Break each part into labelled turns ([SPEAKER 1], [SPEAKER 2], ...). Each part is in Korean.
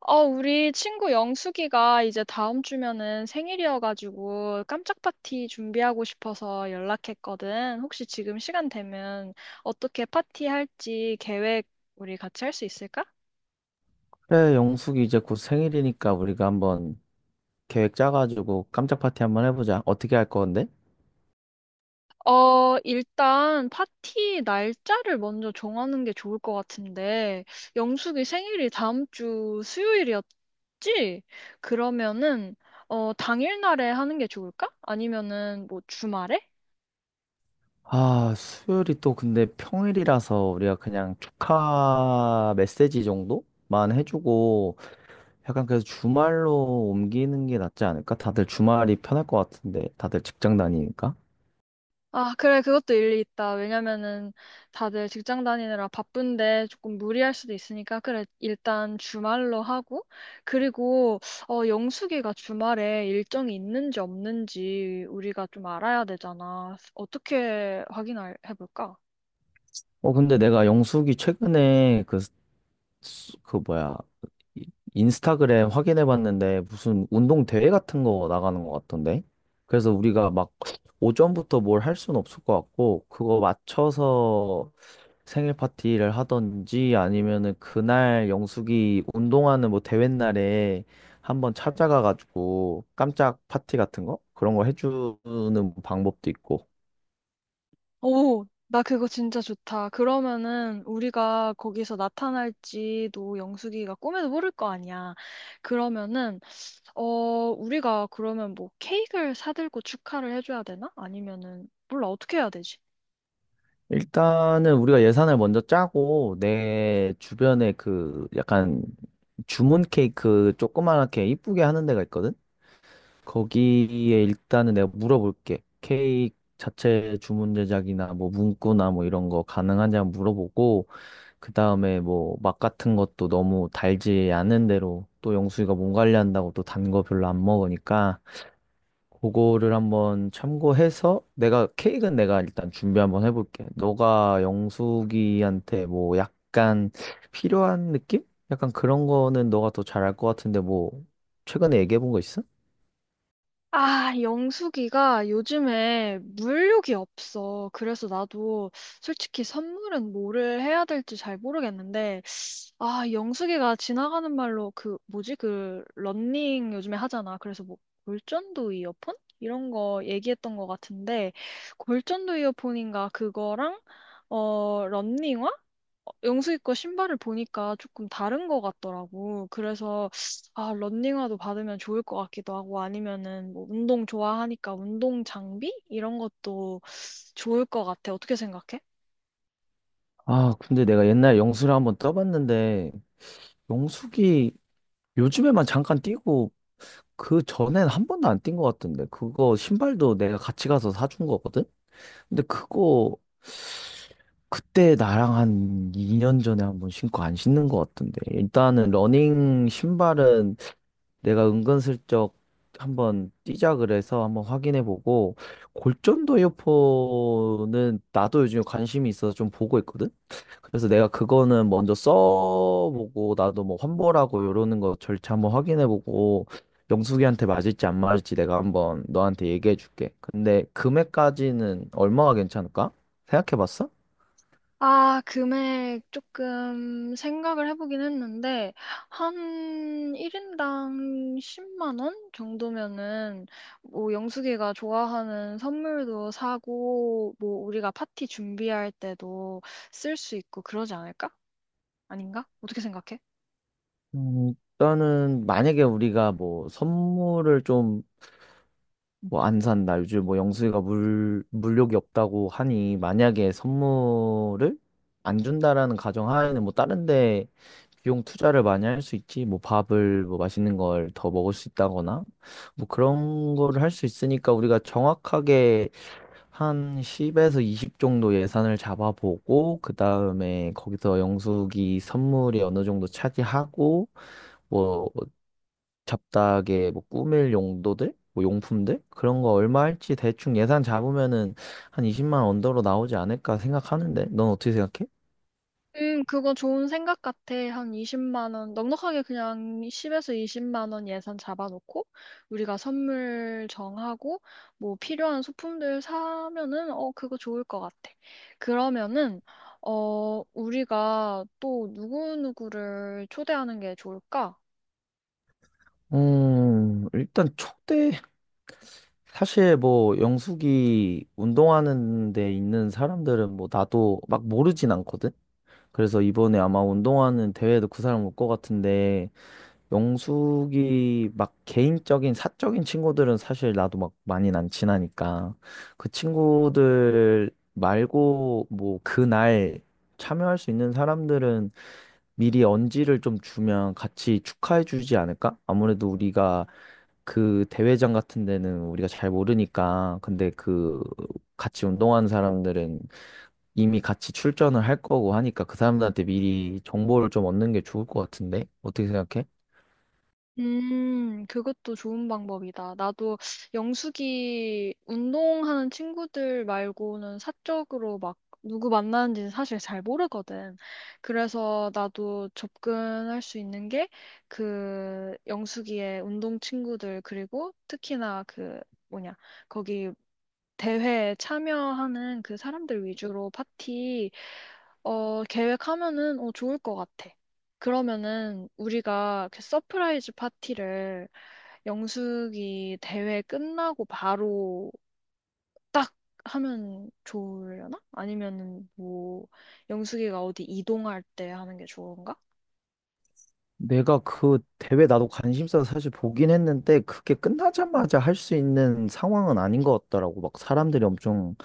[SPEAKER 1] 우리 친구 영숙이가 이제 다음 주면은 생일이어가지고 깜짝 파티 준비하고 싶어서 연락했거든. 혹시 지금 시간 되면 어떻게 파티 할지 계획 우리 같이 할 수 있을까?
[SPEAKER 2] 그래, 영숙이 이제 곧 생일이니까 우리가 한번 계획 짜가지고 깜짝 파티 한번 해보자. 어떻게 할 건데?
[SPEAKER 1] 일단 파티 날짜를 먼저 정하는 게 좋을 것 같은데, 영숙이 생일이 다음 주 수요일이었지? 그러면은, 당일날에 하는 게 좋을까? 아니면은 뭐 주말에?
[SPEAKER 2] 아, 수요일이 또 근데 평일이라서 우리가 그냥 축하 메시지 정도만 해주고 약간 그래서 주말로 옮기는 게 낫지 않을까? 다들 주말이 편할 것 같은데 다들 직장 다니니까.
[SPEAKER 1] 아, 그래, 그것도 일리 있다. 왜냐면은 다들 직장 다니느라 바쁜데 조금 무리할 수도 있으니까, 그래, 일단 주말로 하고, 그리고, 영숙이가 주말에 일정이 있는지 없는지 우리가 좀 알아야 되잖아. 어떻게 확인해 볼까?
[SPEAKER 2] 근데 내가 영숙이 최근에 수- 그 뭐야 이- 인스타그램 확인해 봤는데 무슨 운동 대회 같은 거 나가는 것 같던데, 그래서 우리가 막 오전부터 뭘 할 수는 없을 것 같고, 그거 맞춰서 생일 파티를 하던지 아니면은 그날 영숙이 운동하는 뭐 대회 날에 한번 찾아가 가지고 깜짝 파티 같은 거 그런 거 해주는 방법도 있고.
[SPEAKER 1] 오, 나 그거 진짜 좋다. 그러면은 우리가 거기서 나타날지도 영숙이가 꿈에도 모를 거 아니야. 그러면은 어, 우리가 그러면 뭐 케이크를 사들고 축하를 해줘야 되나? 아니면은, 몰라, 어떻게 해야 되지?
[SPEAKER 2] 일단은 우리가 예산을 먼저 짜고, 내 주변에 그 약간 주문 케이크 조그맣게 이쁘게 하는 데가 있거든? 거기에 일단은 내가 물어볼게. 케이크 자체 주문 제작이나 뭐 문구나 뭐 이런 거 가능한지 한번 물어보고, 그 다음에 뭐 맛 같은 것도 너무 달지 않은 대로, 또 영수이가 몸 관리한다고 또 단 거 별로 안 먹으니까 그거를 한번 참고해서 내가 케이크는 내가 일단 준비 한번 해볼게. 너가 영숙이한테 뭐 약간 필요한 느낌? 약간 그런 거는 너가 더 잘할 것 같은데. 뭐 최근에 얘기해 본 거 있어?
[SPEAKER 1] 아, 영숙이가 요즘에 물욕이 없어. 그래서 나도 솔직히 선물은 뭐를 해야 될지 잘 모르겠는데, 아, 영숙이가 지나가는 말로 그, 뭐지? 그, 런닝 요즘에 하잖아. 그래서 뭐, 골전도 이어폰? 이런 거 얘기했던 것 같은데, 골전도 이어폰인가 그거랑, 런닝화? 영숙이 거 신발을 보니까 조금 다른 것 같더라고. 그래서 아, 런닝화도 받으면 좋을 것 같기도 하고 아니면은 뭐 운동 좋아하니까 운동 장비 이런 것도 좋을 것 같아. 어떻게 생각해?
[SPEAKER 2] 아, 근데 내가 옛날 영수를 한번 떠봤는데, 영숙이 요즘에만 잠깐 뛰고 그 전엔 한 번도 안 뛴 것 같던데. 그거 신발도 내가 같이 가서 사준 거거든? 근데 그거 그때 나랑 한 2년 전에 한번 신고 안 신는 것 같은데. 일단은 러닝 신발은 내가 은근슬쩍 한번 뛰자 그래서 한번 확인해보고, 골전도 이어폰은 나도 요즘에 관심이 있어서 좀 보고 있거든? 그래서 내가 그거는 먼저 써보고, 나도 뭐 환불하고 이러는 거 절차 한번 확인해보고, 영숙이한테 맞을지 안 맞을지 내가 한번 너한테 얘기해줄게. 근데 금액까지는 얼마가 괜찮을까? 생각해봤어?
[SPEAKER 1] 아, 금액 조금 생각을 해보긴 했는데 한 1인당 10만 원 정도면은 뭐 영숙이가 좋아하는 선물도 사고 뭐 우리가 파티 준비할 때도 쓸 수 있고 그러지 않을까? 아닌가? 어떻게 생각해?
[SPEAKER 2] 음, 일단은 만약에 우리가 뭐 선물을 좀 뭐 안 산다. 요즘 뭐 영수이가 물욕이 없다고 하니, 만약에 선물을 안 준다라는 가정하에는 뭐 다른 데 비용 투자를 많이 할 수 있지. 뭐 밥을 뭐 맛있는 걸 더 먹을 수 있다거나 뭐 그런 거를 할 수 있으니까, 우리가 정확하게 한 10에서 20 정도 예산을 잡아보고, 그다음에 거기서 영숙이 선물이 어느 정도 차지하고 뭐 잡다하게 뭐 꾸밀 용도들, 뭐 용품들 그런 거 얼마 할지 대충 예산 잡으면은 한 20만 원 언더로 나오지 않을까 생각하는데, 넌 어떻게 생각해?
[SPEAKER 1] 그거 좋은 생각 같아. 한 20만 원, 넉넉하게 그냥 10에서 20만 원 예산 잡아놓고, 우리가 선물 정하고, 뭐 필요한 소품들 사면은, 어, 그거 좋을 것 같아. 그러면은, 우리가 또 누구누구를 초대하는 게 좋을까?
[SPEAKER 2] 일단 촉대 사실 뭐 영숙이 운동하는 데 있는 사람들은 뭐 나도 막 모르진 않거든. 그래서 이번에 아마 운동하는 대회도 그 사람 올 것 같은데, 영숙이 막 개인적인 사적인 친구들은 사실 나도 막 많이 난 친하니까 그 친구들 말고 뭐 그날 참여할 수 있는 사람들은 미리 언지를 좀 주면 같이 축하해 주지 않을까? 아무래도 우리가 그 대회장 같은 데는 우리가 잘 모르니까. 근데 그 같이 운동하는 사람들은 이미 같이 출전을 할 거고 하니까 그 사람들한테 미리 정보를 좀 얻는 게 좋을 것 같은데? 어떻게 생각해?
[SPEAKER 1] 그것도 좋은 방법이다. 나도 영숙이 운동하는 친구들 말고는 사적으로 막 누구 만나는지는 사실 잘 모르거든. 그래서 나도 접근할 수 있는 게 그 영숙이의 운동 친구들 그리고 특히나 그 뭐냐, 거기 대회에 참여하는 그 사람들 위주로 파티 계획하면은 좋을 것 같아. 그러면은 우리가 그 서프라이즈 파티를 영숙이 대회 끝나고 바로 딱 하면 좋으려나? 아니면은 뭐 영숙이가 어디 이동할 때 하는 게 좋은가?
[SPEAKER 2] 내가 그 대회 나도 관심사 사실 보긴 했는데 그게 끝나자마자 할 수 있는 상황은 아닌 것 같더라고. 막 사람들이 엄청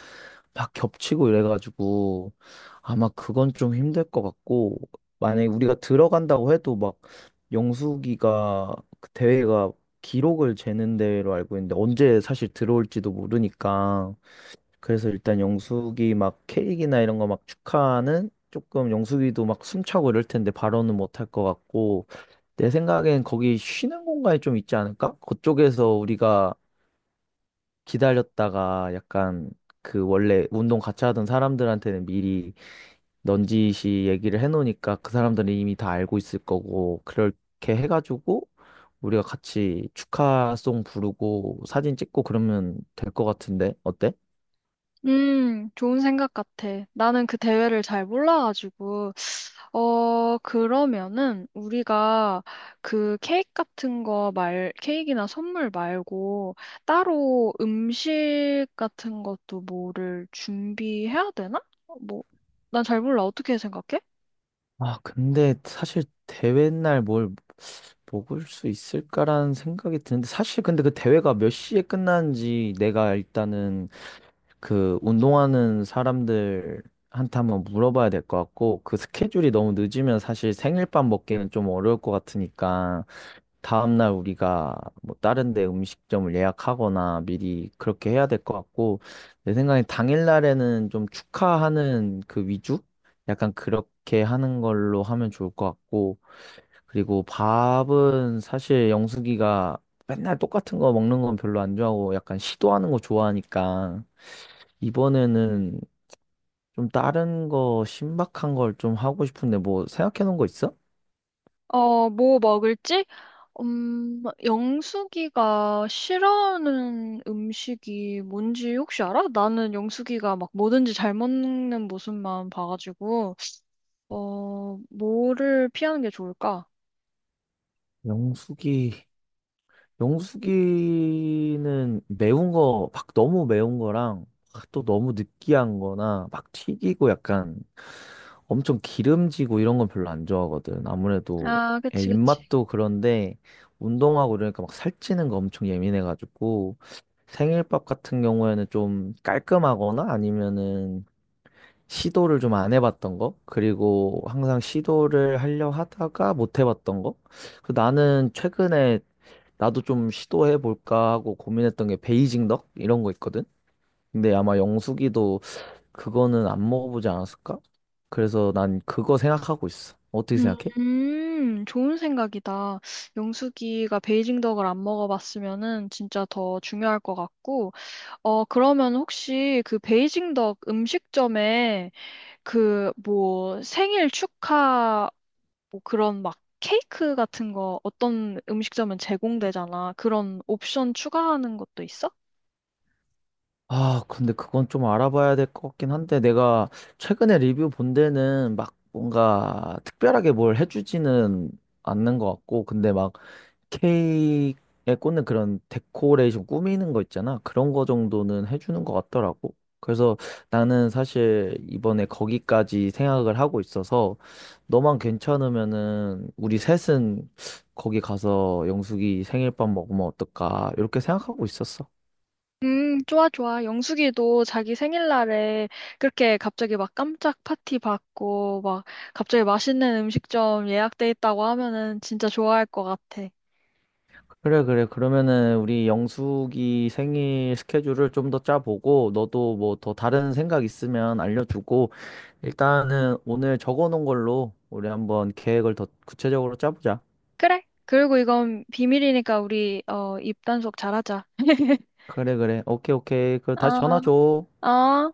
[SPEAKER 2] 막 겹치고 이래가지고 아마 그건 좀 힘들 것 같고, 만약에 우리가 들어간다고 해도 막 영숙이가 그 대회가 기록을 재는 대회로 알고 있는데 언제 사실 들어올지도 모르니까. 그래서 일단 영숙이 막 케이크나 이런 거 막 축하는 조금 영숙이도 막 숨차고 이럴 텐데 바로는 못할 것 같고, 내 생각엔 거기 쉬는 공간이 좀 있지 않을까? 그쪽에서 우리가 기다렸다가 약간 그 원래 운동 같이 하던 사람들한테는 미리 넌지시 얘기를 해놓으니까 그 사람들은 이미 다 알고 있을 거고, 그렇게 해가지고 우리가 같이 축하송 부르고 사진 찍고 그러면 될 것 같은데 어때?
[SPEAKER 1] 좋은 생각 같아. 나는 그 대회를 잘 몰라가지고. 그러면은 우리가 그 케이크 같은 거 말, 케이크나 선물 말고 따로 음식 같은 것도 뭐를 준비해야 되나? 뭐, 난 잘 몰라. 어떻게 생각해?
[SPEAKER 2] 아, 근데 사실 대회 날 뭘 먹을 수 있을까라는 생각이 드는데, 사실 근데 그 대회가 몇 시에 끝나는지 내가 일단은 그 운동하는 사람들한테 한번 물어봐야 될 것 같고, 그 스케줄이 너무 늦으면 사실 생일밥 먹기는 좀 어려울 것 같으니까 다음날 우리가 뭐 다른 데 음식점을 예약하거나 미리 그렇게 해야 될 것 같고, 내 생각에 당일날에는 좀 축하하는 그 위주? 약간 그렇게 하는 걸로 하면 좋을 것 같고, 그리고 밥은 사실 영숙이가 맨날 똑같은 거 먹는 건 별로 안 좋아하고 약간 시도하는 거 좋아하니까 이번에는 좀 다른 거 신박한 걸 좀 하고 싶은데, 뭐 생각해 놓은 거 있어?
[SPEAKER 1] 뭐 먹을지? 영숙이가 싫어하는 음식이 뭔지 혹시 알아? 나는 영숙이가 막 뭐든지 잘 먹는 모습만 봐가지고, 뭐를 피하는 게 좋을까?
[SPEAKER 2] 영숙이 영숙이는 매운 거 막 너무 매운 거랑 막또 너무 느끼한 거나 막 튀기고 약간 엄청 기름지고 이런 건 별로 안 좋아하거든. 아무래도
[SPEAKER 1] 아,
[SPEAKER 2] 애
[SPEAKER 1] 그치, 그치.
[SPEAKER 2] 입맛도 그런데 운동하고 이러니까 막 살찌는 거 엄청 예민해가지고 생일밥 같은 경우에는 좀 깔끔하거나 아니면은 시도를 좀 안 해봤던 거, 그리고 항상 시도를 하려 하다가 못 해봤던 거. 그 나는 최근에 나도 좀 시도해볼까 하고 고민했던 게 베이징 덕? 이런 거 있거든? 근데 아마 영숙이도 그거는 안 먹어보지 않았을까? 그래서 난 그거 생각하고 있어. 어떻게 생각해?
[SPEAKER 1] 좋은 생각이다. 영숙이가 베이징 덕을 안 먹어봤으면은 진짜 더 중요할 것 같고, 그러면 혹시 그 베이징 덕 음식점에 그, 뭐, 생일 축하, 뭐 그런 막 케이크 같은 거 어떤 음식점은 제공되잖아. 그런 옵션 추가하는 것도 있어?
[SPEAKER 2] 아, 근데 그건 좀 알아봐야 될 것 같긴 한데, 내가 최근에 리뷰 본 데는 막 뭔가 특별하게 뭘 해주지는 않는 것 같고, 근데 막 케이크에 꽂는 그런 데코레이션 꾸미는 거 있잖아. 그런 거 정도는 해주는 것 같더라고. 그래서 나는 사실 이번에 거기까지 생각을 하고 있어서, 너만 괜찮으면은 우리 셋은 거기 가서 영숙이 생일밥 먹으면 어떨까? 이렇게 생각하고 있었어.
[SPEAKER 1] 좋아, 좋아. 영숙이도 자기 생일날에 그렇게 갑자기 막 깜짝 파티 받고, 막 갑자기 맛있는 음식점 예약돼 있다고 하면은 진짜 좋아할 것 같아.
[SPEAKER 2] 그래, 그래. 그러면은 우리 영숙이 생일 스케줄을 좀 더 짜보고, 너도 뭐 더 다른 생각 있으면 알려주고, 일단은 오늘 적어놓은 걸로 우리 한번 계획을 더 구체적으로 짜보자.
[SPEAKER 1] 그래. 그리고 이건 비밀이니까 우리, 입단속 잘하자.
[SPEAKER 2] 그래, 그래. 오케이, 오케이. 그 다시
[SPEAKER 1] 아,
[SPEAKER 2] 전화 줘.
[SPEAKER 1] 아.